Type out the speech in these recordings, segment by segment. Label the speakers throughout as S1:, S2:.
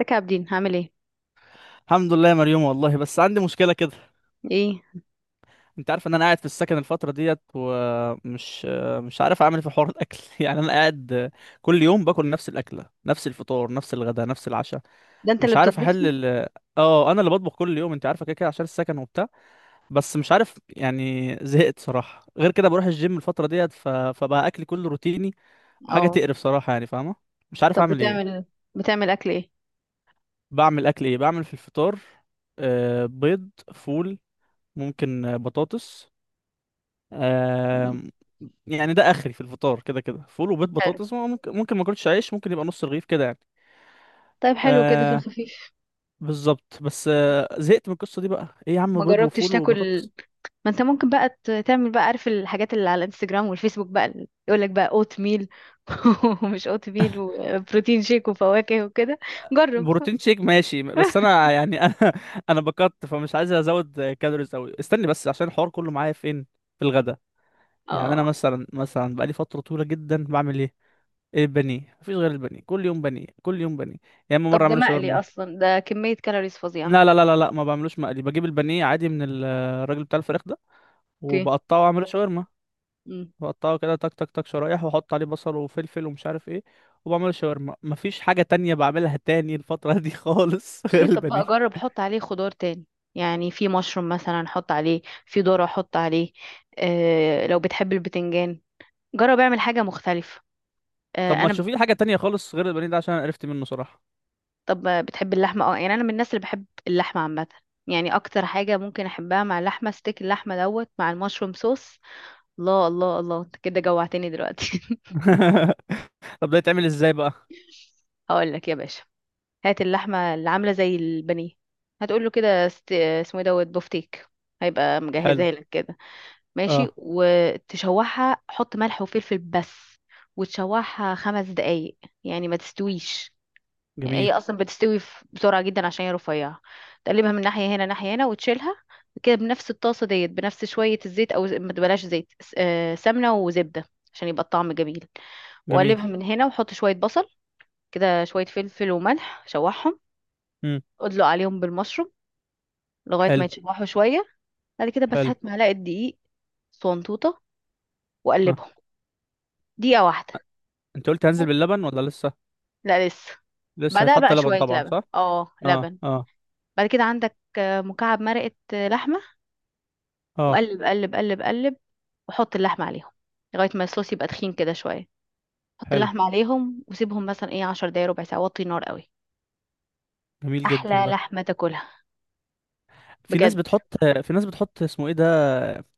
S1: ازيك يا عابدين؟ هعمل ايه
S2: الحمد لله يا مريوم، والله بس عندي مشكلة كده.
S1: ايه
S2: انت عارف ان انا قاعد في السكن الفترة ديت، ومش مش عارف اعمل إيه في حوار الاكل انا قاعد كل يوم باكل نفس الاكلة، نفس الفطار، نفس الغداء، نفس العشاء.
S1: ده، انت
S2: مش
S1: اللي
S2: عارف
S1: بتطبخ؟
S2: احل اه، انا اللي بطبخ كل يوم، انت عارفة كده كده عشان السكن وبتاع. بس مش عارف، يعني زهقت صراحة. غير كده بروح الجيم الفترة ديت، فبقى اكلي كله روتيني وحاجة
S1: اه.
S2: تقرف صراحة، يعني فاهمة. مش عارف
S1: طب
S2: اعمل ايه.
S1: بتعمل اكل ايه؟
S2: بعمل اكل ايه؟ بعمل في الفطار بيض، فول، ممكن بطاطس.
S1: مم.
S2: آم، يعني ده اخري في الفطار، كده كده فول وبيض،
S1: حلو.
S2: بطاطس ممكن، ممكن ما اكلش عيش، ممكن يبقى نص رغيف كده يعني.
S1: طيب حلو كده في
S2: آه،
S1: الخفيف.
S2: بالظبط. بس آه، زهقت من القصه دي. بقى ايه يا عم،
S1: ما
S2: بيض
S1: جربتش
S2: وفول
S1: تاكل،
S2: وبطاطس؟
S1: ما انت ممكن بقى تعمل بقى، عارف الحاجات اللي على الانستجرام والفيسبوك بقى يقول لك بقى اوت ميل، ومش اوت ميل وبروتين شيك وفواكه وكده، جرب.
S2: بروتين شيك ماشي، بس انا يعني انا بكت، فمش عايز ازود كالوريز قوي. استني بس، عشان الحوار كله معايا فين، في الغدا. يعني انا
S1: اه،
S2: مثلا بقالي فتره طويله جدا بعمل ايه؟ البانيه. مفيش غير البانيه، كل يوم بانيه كل يوم بانيه، يا اما مره
S1: طب ده
S2: اعمله
S1: مقلي
S2: شاورما.
S1: اصلا، ده كمية كالوريز
S2: لا
S1: فظيعة.
S2: لا لا لا لا، ما بعملوش مقلي، بجيب البانيه عادي من الراجل بتاع الفراخ ده،
S1: اوكي.
S2: وبقطعه واعمله شاورما. بقطعه كده تك تك تك شرايح، واحط عليه بصل وفلفل ومش عارف ايه، وبعمله شاورما. مفيش حاجة تانية بعملها تاني الفترة دي خالص غير
S1: ليه؟ طب
S2: البانيه.
S1: بقى جرب حط عليه خضار تاني، يعني في مشروم مثلا حط عليه، في ذرة حط عليه، آه لو بتحب البتنجان، جرب اعمل حاجة مختلفة. آه
S2: طب ما
S1: انا.
S2: تشوفي لي حاجة تانية خالص غير البانيه ده، عشان انا قرفت منه صراحة.
S1: طب بتحب اللحمة؟ اه، يعني انا من الناس اللي بحب اللحمة عامة، يعني اكتر حاجة ممكن احبها مع اللحمة ستيك اللحمة دوت مع المشروم صوص. الله الله الله، انت كده جوعتني دلوقتي.
S2: طب ده يتعمل ازاي بقى؟
S1: هقول لك يا باشا، هات اللحمة اللي عاملة زي البانيه، هتقول له كده اسمه ايه دوت بوفتيك، هيبقى
S2: حلو.
S1: مجهزها لك كده. ماشي،
S2: اه.
S1: وتشوحها، حط ملح وفلفل بس، وتشوحها خمس دقايق، يعني ما تستويش.
S2: جميل.
S1: هي اصلا بتستوي بسرعه جدا عشان هي رفيعه. تقلبها من ناحيه هنا ناحيه هنا وتشيلها كده بنفس الطاسه ديت، بنفس شويه الزيت، او ما تبلاش زيت، سمنه وزبده عشان يبقى الطعم جميل.
S2: جميل.
S1: وقلبها من هنا وحط شويه بصل كده، شويه فلفل وملح، شوحهم،
S2: امم.
S1: ادلق عليهم بالمشروم لغايه
S2: حلو.
S1: ما يتشوحوا شويه. بعد كده بس
S2: حلو.
S1: هات معلقه دقيق صنطوطه
S2: اه.
S1: وقلبهم دقيقه واحده.
S2: انت قلت هنزل باللبن ولا لسه؟
S1: لا لسه.
S2: لسه
S1: بعدها
S2: هيتحط
S1: بقى
S2: لبن
S1: شوية
S2: طبعا،
S1: لبن،
S2: صح؟
S1: اه
S2: اه
S1: لبن.
S2: اه
S1: بعد كده عندك مكعب مرقة، لحمة،
S2: اه.
S1: وقلب قلب قلب قلب وحط اللحمة عليهم لغاية ما الصوص يبقى تخين كده شوية. حط
S2: حلو.
S1: اللحمة عليهم وسيبهم مثلا ايه عشر دقايق ربع ساعة، وطي النار قوي.
S2: جميل جدا
S1: أحلى
S2: ده.
S1: لحمة تاكلها
S2: في ناس
S1: بجد.
S2: بتحط، في ناس بتحط اسمه ايه ده،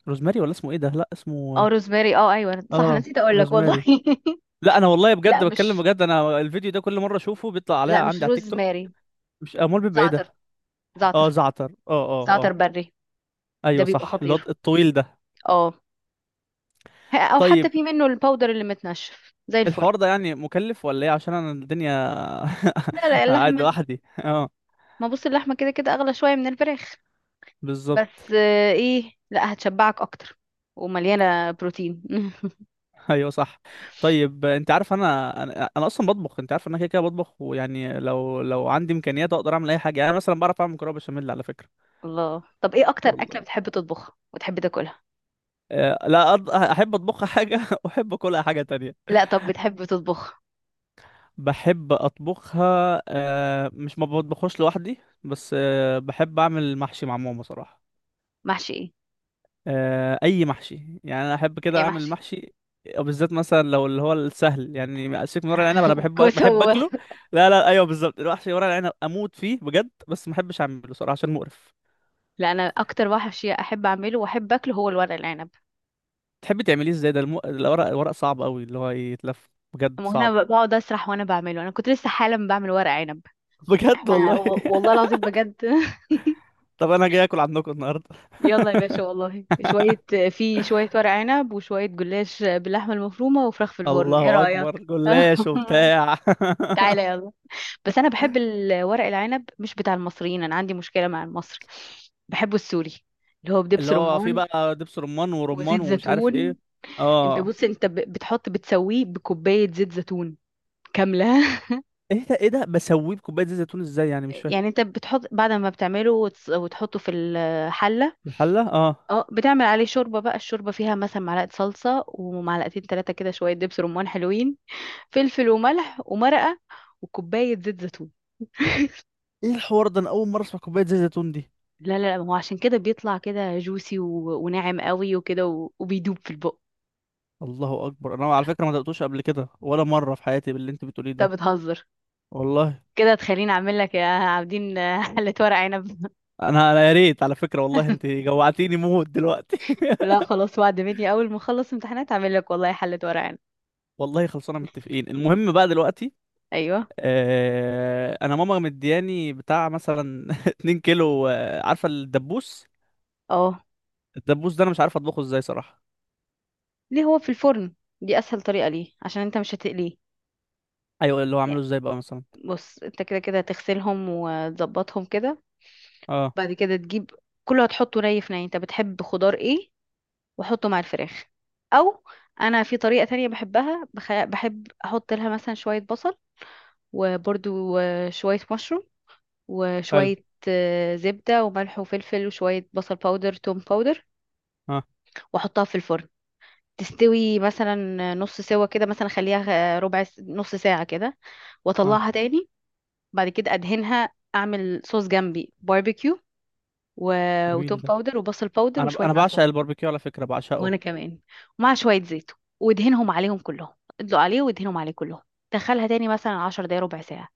S2: روزماري ولا اسمه ايه ده؟ لا، اسمه
S1: اه روزماري، اه أيوة صح، أنا
S2: اه
S1: نسيت أقول لك والله.
S2: روزماري. لا انا والله بجد
S1: لا
S2: بتكلم
S1: مش،
S2: بجد، انا الفيديو ده كل مره اشوفه بيطلع عليا
S1: لا مش
S2: عندي على التيك توك.
S1: روزماري.
S2: مش امال بيبقى ايه ده؟
S1: زعتر. زعتر.
S2: اه، زعتر. اه اه
S1: زعتر
S2: اه،
S1: بري.
S2: ايوه
S1: ده بيبقى
S2: صح، اللي هو
S1: خطير.
S2: الطويل ده.
S1: اه. أو
S2: طيب
S1: حتى في منه الباودر اللي متنشف زي الفل.
S2: الحوار ده يعني مكلف ولا ايه؟ عشان انا الدنيا
S1: لا لا،
S2: قاعد
S1: اللحمة،
S2: لوحدي. اه،
S1: ما بص، اللحمة كده كده أغلى شوية من الفراخ،
S2: بالظبط.
S1: بس آه، ايه لا هتشبعك أكتر ومليانة بروتين.
S2: ايوه صح. طيب انت عارف انا، أنا اصلا بطبخ، انت عارف ان انا كده كده بطبخ، ويعني لو عندي امكانيات اقدر اعمل اي حاجه. يعني أنا مثلا بعرف اعمل مكرونه بشاميل على فكره.
S1: الله، طب ايه أكتر
S2: والله
S1: أكلة بتحب تطبخها وتحب تاكلها؟
S2: لا، احب اطبخها حاجه واحب اكلها حاجه تانية.
S1: لا طب بتحب تطبخها؟
S2: بحب اطبخها مش ما بطبخوش لوحدي، بس بحب اعمل محشي مع ماما صراحه.
S1: محشي ايه؟
S2: اي محشي، يعني انا احب كده
S1: ايه
S2: اعمل
S1: محشي؟
S2: المحشي، وبالذات مثلا لو اللي هو السهل. يعني سيبك من ورق العنب، انا بحب
S1: كوسة
S2: بحب اكله.
S1: وورق.
S2: لا لا، ايوه بالظبط، المحشي ورق العنب اموت فيه بجد، بس ما بحبش اعمله صراحه عشان مقرف.
S1: لا أنا أكتر محشي أحب أعمله وأحب أكله هو الورق العنب.
S2: تحبي تعمليه ازاي ده الورق، صعب قوي، اللي هو يتلف بجد
S1: وأنا
S2: صعب.
S1: بقعد أسرح وأنا بعمله، أنا كنت لسه حالا بعمل ورق عنب.
S2: بجد
S1: احنا
S2: والله.
S1: والله العظيم بجد.
S2: طب انا جاي اكل عندكم النهارده.
S1: يلا يا باشا، والله شوية، في شوية ورق عنب وشوية جلاش باللحمة المفرومة وفراخ في الفرن، ايه
S2: الله اكبر،
S1: رأيك؟
S2: جلاش وبتاع.
S1: تعالى يلا. بس انا بحب الورق العنب مش بتاع المصريين، انا عندي مشكلة مع المصري، بحبه السوري اللي هو
S2: اللي
S1: بدبس
S2: هو فيه
S1: رمان
S2: بقى دبس رمان ورمان
S1: وزيت
S2: ومش عارف ايه.
S1: زيتون. انت
S2: اه.
S1: بص، انت بتحط، بتسويه بكوباية زيت زيتون كاملة.
S2: ايه ده، ايه ده، بسويه بكوبايه زيت زيتون ازاي يعني؟ مش فاهم.
S1: يعني انت بتحط بعد ما بتعمله وتحطه في الحلة،
S2: الحلة، اه.
S1: اه، بتعمل عليه شوربة بقى، الشوربة فيها مثلا معلقة صلصة ومعلقتين ثلاثة كده، شوية دبس رمان حلوين، فلفل وملح ومرقة، وكوباية زيت زيتون.
S2: ايه الحوار ده، انا اول مرة اسمع كوباية زيت زيتون دي.
S1: لا لا لا، ما هو عشان كده بيطلع كده جوسي و... وناعم قوي وكده، و... وبيدوب في البق.
S2: الله اكبر، انا على فكرة ما دقتوش قبل كده ولا مرة في حياتي باللي انت بتقوليه
S1: انت
S2: ده.
S1: بتهزر؟
S2: والله.
S1: كده تخليني اعمل لك يا عابدين حلة ورق عنب.
S2: انا انا يا ريت على فكرة، والله انت جوعتيني موت دلوقتي.
S1: لا خلاص، وعد مني، اول ما اخلص امتحانات اعمل لك والله حلة ورق عنب.
S2: والله خلصانة، متفقين. المهم بقى دلوقتي،
S1: ايوه.
S2: آه انا ماما مدياني بتاع مثلا 2 كيلو، عارفة الدبوس،
S1: اه.
S2: الدبوس ده انا مش عارف اطبخه ازاي صراحة.
S1: ليه؟ هو في الفرن دي اسهل طريقة، ليه؟ عشان انت مش هتقليه.
S2: ايوه اللي هو عامله
S1: يعني
S2: ازاي بقى مثلا؟
S1: بص، انت كده كده هتغسلهم وتظبطهم كده،
S2: اه.
S1: بعد كده تجيب، كله هتحطه ني في ني، انت بتحب خضار ايه، وحطه مع الفراخ. او انا في طريقة تانية بحبها، بحب احط لها مثلا شوية بصل، وبرده شوية مشروم،
S2: حلو.
S1: وشوية زبدة وملح وفلفل وشوية بصل باودر توم باودر،
S2: اه
S1: واحطها في الفرن تستوي مثلا نص سوا كده، مثلا اخليها ربع نص ساعة كده،
S2: اه.
S1: واطلعها تاني. بعد كده ادهنها، اعمل صوص جنبي باربيكيو، و... وتوم
S2: جميل ده.
S1: باودر وبصل باودر
S2: انا انا
S1: وشوية عسل.
S2: بعشق الباربيكيو على فكرة، بعشقه.
S1: وانا كمان. ومع شويه زيت، وادهنهم عليهم كلهم، ادلق عليه وادهنهم عليه كلهم، دخلها تاني مثلا عشر دقايق ربع ساعة،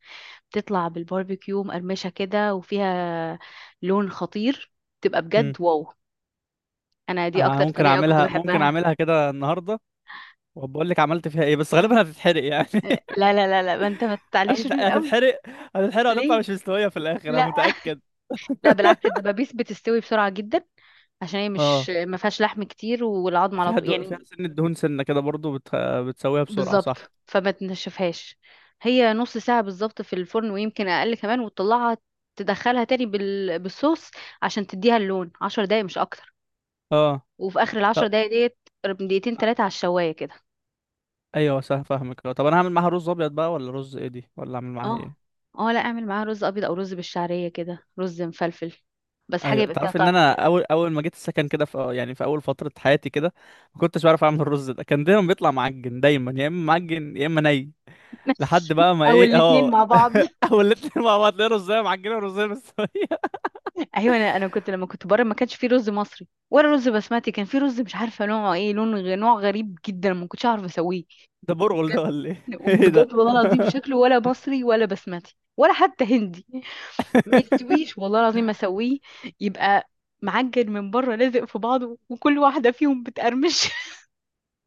S1: بتطلع بالباربيكيو مقرمشة كده وفيها لون خطير، تبقى بجد واو. أنا دي
S2: انا
S1: أكتر
S2: ممكن
S1: طريقة كنت
S2: اعملها، ممكن
S1: بحبها.
S2: اعملها كده النهارده، وبقول لك عملت فيها ايه، بس غالبا هتتحرق يعني.
S1: لا لا لا لا ما أنت ما تعليش النور قوي.
S2: هتتحرق. هتتحرق وهتطلع
S1: ليه؟
S2: مش مستويه في الاخر انا
S1: لا
S2: متاكد.
S1: لا بالعكس، الدبابيس بتستوي بسرعة جدا عشان هي مش
S2: اه.
S1: ما فيهاش لحم كتير والعظم على
S2: فيها
S1: طول
S2: فيها
S1: يعني.
S2: سنه دهون سنه كده برضو بتسويها بسرعه صح.
S1: بالظبط، فما تنشفهاش. هي نص ساعة بالظبط في الفرن ويمكن أقل كمان، وتطلعها تدخلها تاني بالصوص عشان تديها اللون، عشر دقايق مش أكتر.
S2: اه.
S1: وفي آخر العشر
S2: طب
S1: دقايق ديت قرب دقيقتين تلاتة على الشواية كده.
S2: ايوه صح، فاهمك. طب انا هعمل معاها رز ابيض بقى ولا رز ايه دي، ولا اعمل معاها
S1: اه.
S2: ايه؟
S1: اه لا اعمل معاها رز أبيض أو رز بالشعرية كده رز مفلفل، بس حاجة
S2: ايوه
S1: يبقى فيها
S2: تعرف ان
S1: طعم
S2: انا
S1: كده.
S2: اول ما جيت السكن كده، في يعني في اول فتره حياتي كده، ما كنتش بعرف اعمل الرز ده، كان دايما بيطلع معجن، دايما يا اما معجن يا اما ني، لحد بقى ما
S1: او
S2: ايه
S1: الاتنين
S2: اه.
S1: مع بعض.
S2: اول الاتنين مع بعض، تلاقي رزايه معجنه ورزايه مستويه.
S1: ايوه، انا كنت لما كنت بره ما كانش في رز مصري ولا رز بسمتي، كان في رز مش عارفه نوعه ايه، لون نوع غريب جدا، ما كنتش اعرف اسويه.
S2: ده برغل ده ولا ايه، ايه ده؟
S1: بجد والله العظيم شكله ولا مصري ولا بسمتي ولا حتى هندي. ما يستويش والله العظيم ما اسويه، يبقى معجن من بره لازق في بعضه وكل واحده فيهم بتقرمش.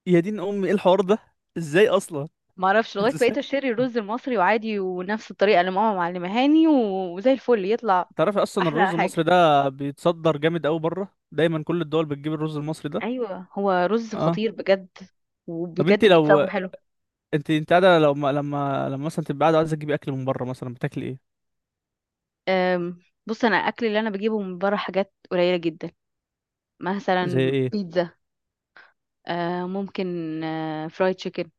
S2: يا دين امي، ايه الحوار ده؟ ازاي اصلا؟
S1: ما اعرفش، لغايه
S2: ازاي؟
S1: بقيت اشتري الرز المصري وعادي، ونفس الطريقه اللي ماما معلمهاني، وزي الفل يطلع.
S2: تعرفي اصلا الرز
S1: احلى حاجه،
S2: المصري ده بيتصدر جامد قوي بره، دايما كل الدول بتجيب الرز المصري ده.
S1: ايوه هو رز
S2: اه.
S1: خطير بجد.
S2: طب انت
S1: وبجد
S2: لو،
S1: بيتسوى حلو.
S2: انت انت قاعده، لو ما... لما مثلا تبقى قاعده عايزه تجيبي اكل من بره، مثلا بتاكلي ايه؟
S1: أم، بص انا الاكل اللي انا بجيبه من بره حاجات قليله جدا،
S2: زي
S1: مثلا
S2: ايه؟
S1: بيتزا، ممكن فرايد تشيكن.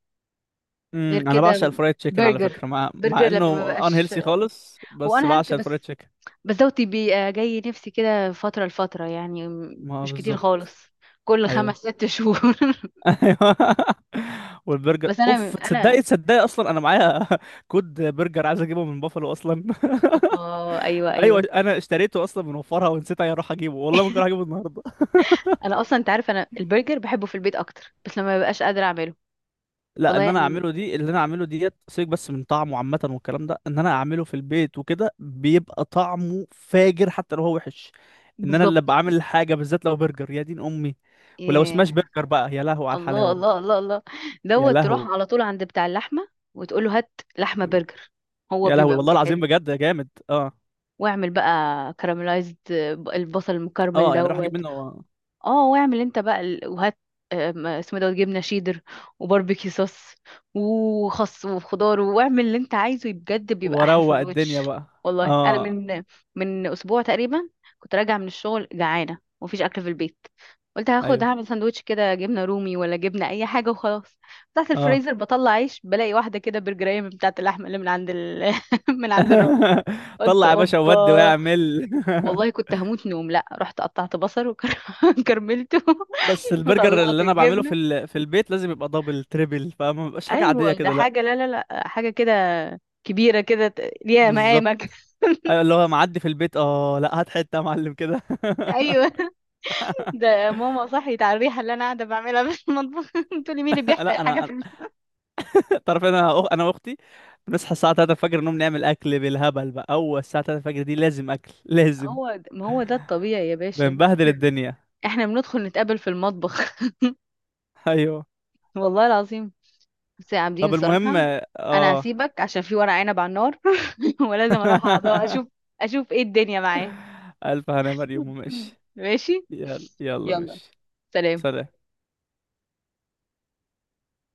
S1: غير
S2: امم، انا بعشق
S1: كده
S2: الفرايد تشيكن على
S1: برجر.
S2: فكره، مع
S1: برجر لما ما
S2: انه ان
S1: بقاش،
S2: هيلسي خالص،
S1: هو
S2: بس
S1: انا هلت
S2: بعشق
S1: بس،
S2: الفرايد تشيكن.
S1: بس بيبقى جاي نفسي كده فترة لفترة، يعني
S2: ما
S1: مش كتير
S2: بالظبط.
S1: خالص، كل خمس
S2: ايوه
S1: ست شهور.
S2: ايوه. والبرجر،
S1: بس انا
S2: اوف، تصدقي
S1: انا
S2: تصدقي اصلا انا معايا كود برجر عايز اجيبه من بافلو اصلا.
S1: اوبا، ايوه
S2: ايوه
S1: ايوه.
S2: انا اشتريته اصلا من وفرها ونسيت اروح اجيبه، والله ممكن اروح اجيبه النهارده.
S1: انا اصلا انت عارف انا البرجر بحبه في البيت اكتر، بس لما ببقاش قادره اعمله.
S2: لا ان
S1: والله
S2: انا
S1: انا
S2: اعمله دي، اللي انا اعمله ديت سيبك بس من طعمه عامه والكلام ده، ان انا اعمله في البيت وكده بيبقى طعمه فاجر حتى لو هو وحش. ان انا اللي
S1: بالظبط.
S2: بعمل الحاجه بالذات لو برجر، يا دين امي. ولو سماش
S1: ياه.
S2: برجر بقى يا لهو على
S1: الله
S2: الحلاوه بجد.
S1: الله الله الله.
S2: يا
S1: دوت تروح
S2: لهوي.
S1: على طول عند بتاع اللحمه وتقول له هات لحمه برجر، هو
S2: يا لهوي
S1: بيبقى
S2: والله
S1: مجهز.
S2: العظيم بجد، يا جامد. اه.
S1: واعمل بقى كراميلايزد، البصل المكرمل
S2: اه، يعني اروح اجيب
S1: دوت.
S2: منه
S1: اه واعمل انت بقى وهات اسمه دوت جبنه شيدر وباربيكيو صوص وخس وخضار، واعمل اللي انت عايزه، بجد بيبقى احلى
S2: واروق الدنيا
S1: سندوتش.
S2: بقى.
S1: والله انا
S2: اه.
S1: من، من اسبوع تقريبا كنت راجعه من الشغل جعانه ومفيش اكل في البيت، قلت هاخد
S2: ايوه.
S1: هعمل سندوتش كده جبنه رومي ولا جبنه اي حاجه وخلاص. بتاعت
S2: اه.
S1: الفريزر بطلع عيش، بلاقي واحده كده برجريه من بتاعت اللحمه اللي من عند من عند الراجل. قلت
S2: طلع يا باشا
S1: اوبا،
S2: وودي واعمل.
S1: والله كنت هموت نوم، لا رحت قطعت بصل وكرملته
S2: بس البرجر
S1: وطلعت
S2: اللي انا بعمله
S1: الجبنه.
S2: في البيت لازم يبقى دبل تريبل، فما بيبقاش حاجه عاديه
S1: ايوه ده
S2: كده لا.
S1: حاجه، لا لا لا، حاجه كده كبيره كده ليها
S2: بالظبط.
S1: مقامك.
S2: ايوه اللي هو معدي في البيت، اه لا، هات حته يا معلم كده.
S1: ايوه. ده ماما صحيت على الريحه اللي انا قاعده بعملها في المطبخ، بتقولي مين اللي بيحرق
S2: لا
S1: الحاجه
S2: انا
S1: في
S2: أنا-
S1: المطبخ.
S2: تعرف انا انا واختي بنصحى الساعه 3 الفجر، نقوم نعمل اكل بالهبل بقى. اول الساعه 3 الفجر دي لازم اكل، لازم.
S1: هو ما هو ده الطبيعي يا باشا.
S2: بنبهدل
S1: احنا،
S2: الدنيا.
S1: إحنا بندخل نتقابل في المطبخ.
S2: ايوه.
S1: والله العظيم. بس يا عابدين
S2: طب المهم،
S1: الصراحه انا
S2: اه.
S1: هسيبك عشان في ورق عنب على النار، ولازم اروح اشوف، اشوف ايه الدنيا معاه.
S2: ألف هنا مريم،
S1: مم.
S2: وماشي.
S1: ماشي.
S2: يلا يلا،
S1: يلا.
S2: ماشي.
S1: سلام.
S2: سلام.